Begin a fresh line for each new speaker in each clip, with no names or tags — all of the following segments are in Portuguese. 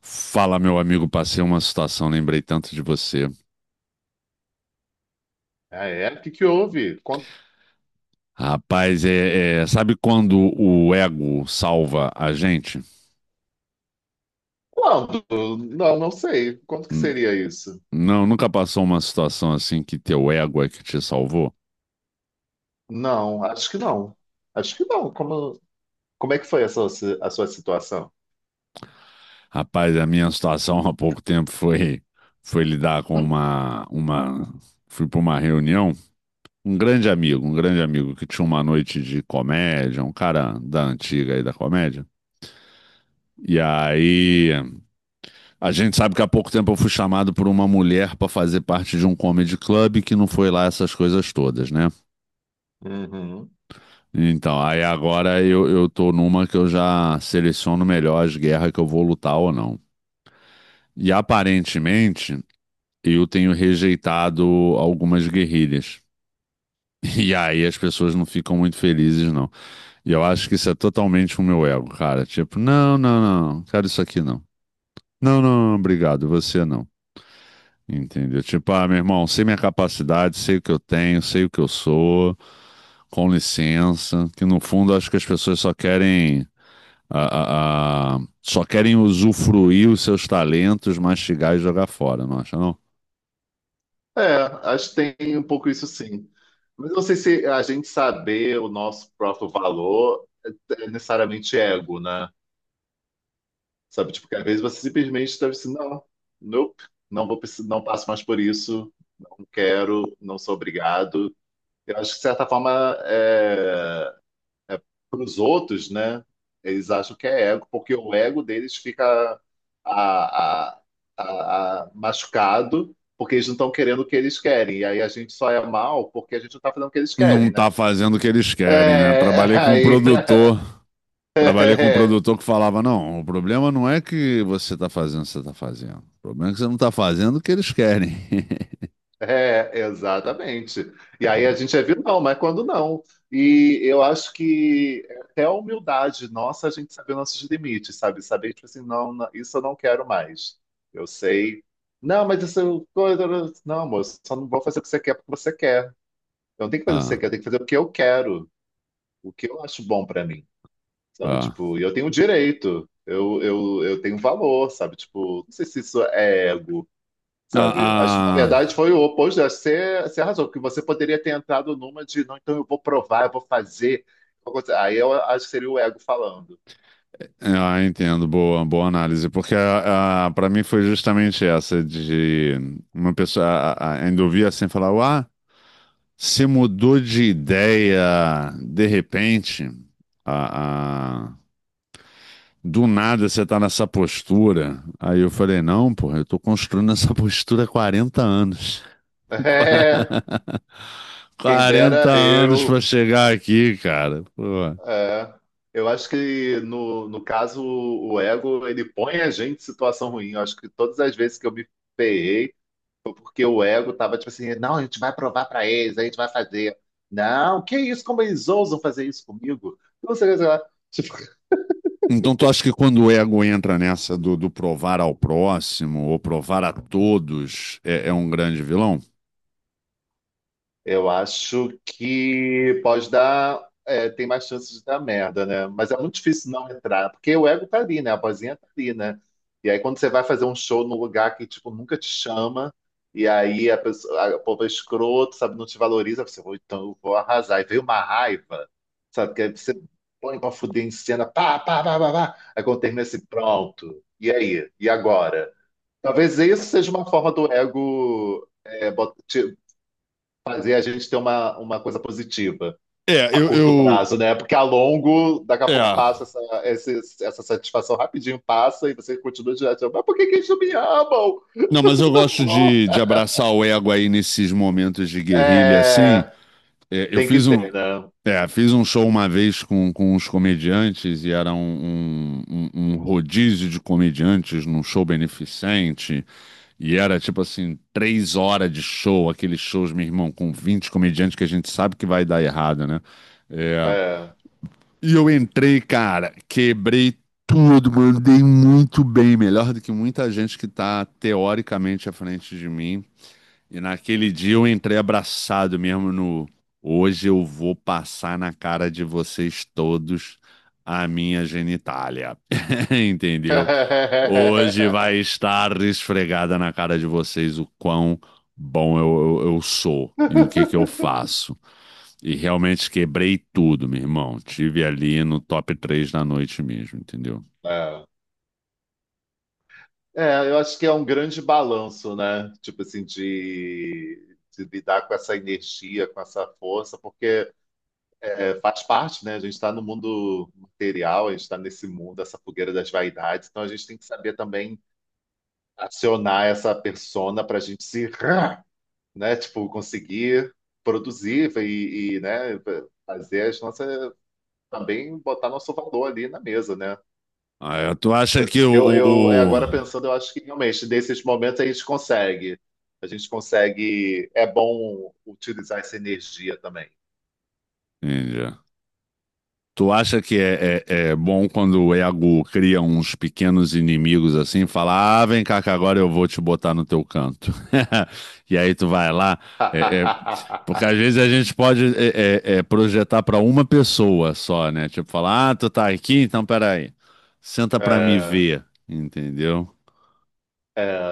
Fala, meu amigo, passei uma situação, lembrei tanto de você.
Ah, é? O que que houve? Quanto-
Rapaz, sabe quando o ego salva a gente?
Quando? Não, sei. Quanto que
Hum.
seria isso?
Não, nunca passou uma situação assim que teu ego é que te salvou?
Não, acho que não. Acho que não. Como, como é que foi a sua, si- a sua situação?
Rapaz, a minha situação há pouco tempo foi foi lidar com uma fui para uma reunião, um grande amigo que tinha uma noite de comédia, um cara da antiga aí da comédia. E aí a gente sabe que há pouco tempo eu fui chamado por uma mulher para fazer parte de um comedy club que não foi lá essas coisas todas, né?
Uhum.
Então, aí agora eu tô numa que eu já seleciono melhor as guerras que eu vou lutar ou não. E aparentemente eu tenho rejeitado algumas guerrilhas. E aí as pessoas não ficam muito felizes, não. E eu acho que isso é totalmente o meu ego, cara. Tipo, não, não, não, quero isso aqui não. Não, não, não, obrigado, você não. Entendeu? Tipo, ah, meu irmão, sei minha capacidade, sei o que eu tenho, sei o que eu sou, com licença. Que no fundo acho que as pessoas só querem só querem usufruir os seus talentos, mastigar e jogar fora, não acha, não?
É, acho que tem um pouco isso sim. Mas eu não sei se a gente saber o nosso próprio valor é necessariamente ego, né? Sabe, tipo, que às vezes você simplesmente deve assim, não, nope, não vou, precis- não passo mais por isso, não quero, não sou obrigado. Eu acho que, de certa forma, é, para os outros, né? Eles acham que é ego, porque o ego deles fica a- a- a- machucado, porque eles não estão querendo o que eles querem. E aí a gente só é mal porque a gente não está fazendo o que eles
Não
querem,
tá
né?
fazendo o que eles querem, né?
É,
Trabalhei com um
aí.
produtor, trabalhei com um produtor que falava, não, o problema não é que você tá fazendo o que você tá fazendo. O problema é que você não tá fazendo o que eles querem.
É, exatamente. E aí a gente é vilão, mas quando não. E eu acho que até a humildade nossa, a gente saber nossos limites, sabe? Saber, tipo assim, não, não, isso eu não quero mais. Eu sei. Não, mas isso eu. Coisa- Não, moço, só não vou fazer o que você quer porque você quer. Eu não tenho que fazer o que você
Ah,
quer, eu tenho que fazer o que eu quero, o que eu acho bom pra mim, sabe?
ah, ah.
Tipo, e eu tenho direito, eu tenho valor, sabe? Tipo, não sei se isso é ego, sabe? Acho, na
Ah,
verdade, foi o oposto. Acho que você arrasou, porque você poderia ter entrado numa de, não, então eu vou provar, eu vou fazer. Eu vou fazer." Aí eu acho que seria o ego falando.
ah, ah, entendo, boa, boa análise, porque a, para mim foi justamente essa de uma pessoa ainda ouvir assim falar, ah, você mudou de ideia de repente, a, a- do nada você tá nessa postura. Aí eu falei, não, porra, eu tô construindo essa postura há 40 anos. Tem qua-
É, quem
40
dera
anos pra
eu.
chegar aqui, cara. Pô.
É. Eu acho que, no caso, o ego, ele põe a gente em situação ruim. Eu acho que todas as vezes que eu me ferrei, porque o ego tava tipo assim, não, a gente vai provar para eles, a gente vai fazer. Não, que isso, como eles ousam fazer isso comigo? Não sei, o que, sei lá. Tipo,
Então tu acha que quando o ego entra nessa do, do provar ao próximo ou provar a todos, é um grande vilão?
eu acho que pode dar. É, tem mais chances de dar merda, né? Mas é muito difícil não entrar, porque o ego tá ali, né? A vozinha tá ali, né? E aí, quando você vai fazer um show num lugar que, tipo, nunca te chama, e aí a pessoa, a, o povo é escroto, sabe, não te valoriza, você, "Vou- então eu vou arrasar. E veio uma raiva, sabe, que aí você põe pra fuder em cena, pá, pá, pá, pá, pá. Aí quando termina assim, pronto. E aí? E agora? Talvez isso seja uma forma do ego é, bot- fazer a gente ter uma coisa positiva
É,
a
eu,
curto
eu...
prazo, né? Porque a longo, daqui a pouco
É.
passa essa, esse- essa satisfação rapidinho, passa e você continua direto. Mas por que que eles não me amam?
Não,
Eu
mas eu
sou tão
gosto
bom.
de abraçar o ego aí nesses momentos de guerrilha, assim.
É,
É, eu
tem que
fiz um,
ter, né?
é, fiz um show uma vez com uns comediantes e era um rodízio de comediantes num show beneficente. E era tipo assim, três horas de show, aqueles shows, meu irmão, com 20 comediantes que a gente sabe que vai dar errado, né? É.
É.
E eu entrei, cara, quebrei tudo, mandei muito bem, melhor do que muita gente que tá teoricamente à frente de mim. E naquele dia eu entrei abraçado mesmo no. Hoje eu vou passar na cara de vocês todos a minha genitália. Entendeu? Hoje vai estar esfregada na cara de vocês o quão bom eu sou e o que que eu faço. E realmente quebrei tudo, meu irmão. Tive ali no top 3 da noite mesmo, entendeu?
É. É, eu acho que é um grande balanço, né? Tipo assim, de lidar com essa energia, com essa força, porque faz parte, né? A gente está no mundo material, a gente está nesse mundo, essa fogueira das vaidades, então a gente tem que saber também acionar essa persona para a gente se, né? Tipo, conseguir produzir e, né? Fazer as nossas. Também botar nosso valor ali na mesa, né?
Ah, tu acha que o.
Eu é, agora
O...
pensando, eu acho que realmente, nesses momentos, a gente consegue. A gente consegue. É bom utilizar essa energia também.
Entendi. Tu acha que é bom quando o ego cria uns pequenos inimigos assim, fala, ah, vem cá que agora eu vou te botar no teu canto. E aí tu vai lá, é, é, porque às vezes a gente pode projetar para uma pessoa só, né? Tipo, falar, ah, tu tá aqui, então peraí, senta pra me
É.
ver, entendeu?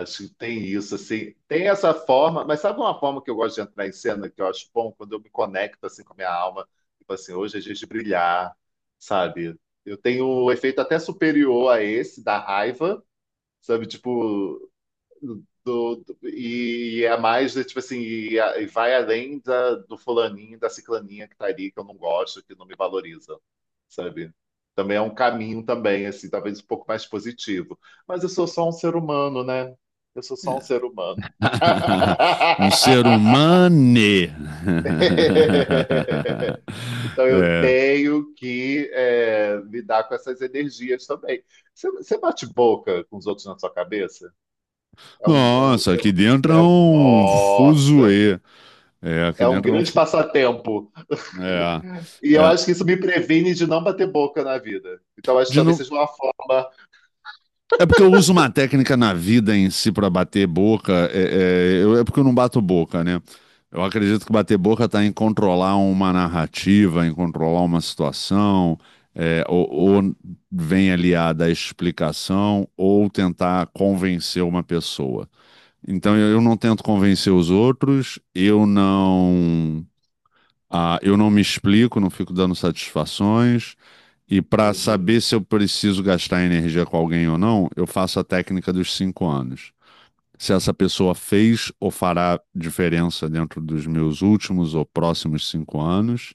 Acho que tem isso, assim, tem essa forma, mas sabe uma forma que eu gosto de entrar em cena, que eu acho bom, quando eu me conecto, assim, com a minha alma, tipo assim, hoje é dia de brilhar, sabe? Eu tenho um efeito até superior a esse, da raiva, sabe? Tipo, do, do- e é mais de, tipo assim, e, a- e vai além da, do fulaninho, da ciclaninha que tá ali, que eu não gosto, que não me valoriza, sabe? Também é um caminho também, assim, talvez um pouco mais positivo. Mas eu sou só um ser humano, né? Eu sou só um ser humano.
Um ser humano.
Então eu
É.
tenho que é, lidar com essas energias também. Você bate boca com os outros na sua cabeça? É um, é um,
Nossa,
é
aqui
um-
dentro é um
Nossa,
fuzuê. É, aqui
é um
dentro
grande passatempo.
é,
E eu
é.
acho que isso me previne de não bater boca na vida. Então, acho que
De
talvez
no...
seja uma forma.
É porque eu uso uma técnica na vida em si para bater boca. É porque eu não bato boca, né? Eu acredito que bater boca está em controlar uma narrativa, em controlar uma situação, é, ou, ou vem aliada à explicação, ou tentar convencer uma pessoa. Então eu não tento convencer os outros, eu não. Ah, eu não me explico, não fico dando satisfações. E para
Uhum,
saber se eu preciso gastar energia com alguém ou não, eu faço a técnica dos cinco anos. Se essa pessoa fez ou fará diferença dentro dos meus últimos ou próximos cinco anos.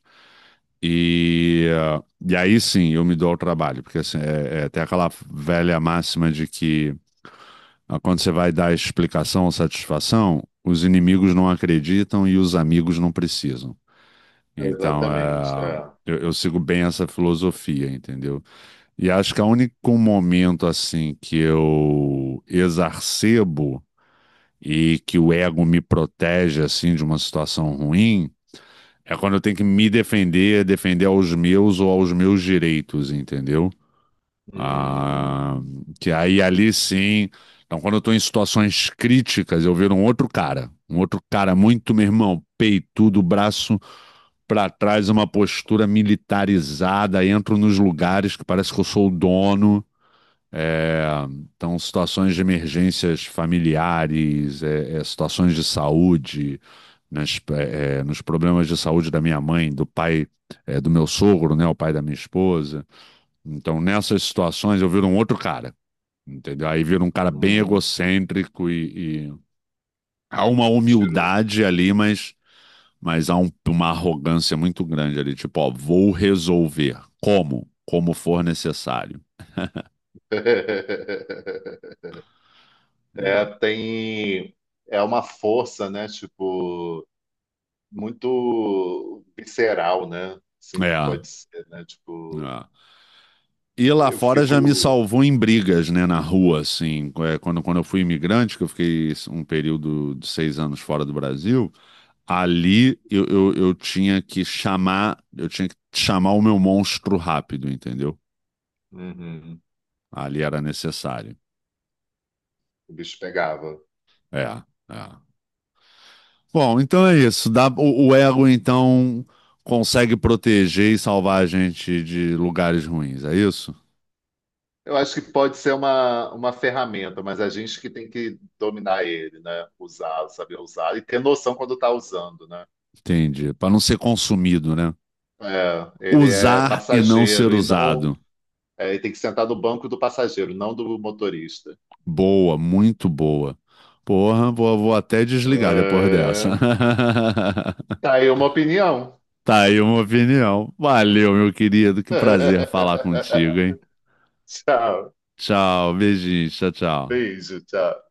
E e aí sim eu me dou ao trabalho, porque assim, tem aquela velha máxima de que ah, quando você vai dar explicação ou satisfação, os inimigos não acreditam e os amigos não precisam. Então,
exatamente.
é,
É.
eu sigo bem essa filosofia, entendeu? E acho que o único momento assim que eu exarcebo e que o ego me protege assim de uma situação ruim é quando eu tenho que me defender, defender aos meus ou aos meus direitos, entendeu? Ah,
Hum,
que aí ali sim. Então, quando eu estou em situações críticas, eu viro um outro cara muito, meu irmão, peito, do braço para trás uma postura militarizada, entro nos lugares que parece que eu sou o dono. É, então, situações de emergências familiares, situações de saúde, nos problemas de saúde da minha mãe, do pai, é, do meu sogro, né, o pai da minha esposa. Então, nessas situações, eu viro um outro cara, entendeu? Aí viro um cara bem
hum,
egocêntrico e há uma
tiro.
humildade ali, mas há uma arrogância muito grande ali, tipo, ó, vou resolver. Como? Como for necessário.
É, tem. É uma força, né? Tipo, muito visceral, né? Assim que
É,
pode ser, né? Tipo,
é. E lá
eu
fora já me
fico.
salvou em brigas, né, na rua, assim. É, quando, quando eu fui imigrante, que eu fiquei um período de seis anos fora do Brasil, ali eu tinha que chamar, eu tinha que chamar o meu monstro rápido, entendeu?
Uhum,
Ali era necessário.
o bicho pegava.
É, é. Bom, então é isso. O ego, então, consegue proteger e salvar a gente de lugares ruins, é isso?
Eu acho que pode ser uma ferramenta, mas a gente que tem que dominar ele, né? Usar, saber usar e ter noção quando está usando, né?
Entendi. Para não ser consumido, né?
É, ele é
Usar e não ser
passageiro e não.
usado.
É, ele tem que sentar no banco do passageiro, não do motorista.
Boa, muito boa. Porra, vou até desligar depois dessa.
É, tá aí uma opinião.
Tá aí uma opinião. Valeu, meu querido. Que prazer falar contigo, hein?
Tchau.
Tchau, beijinho, tchau, tchau.
Beijo, tchau.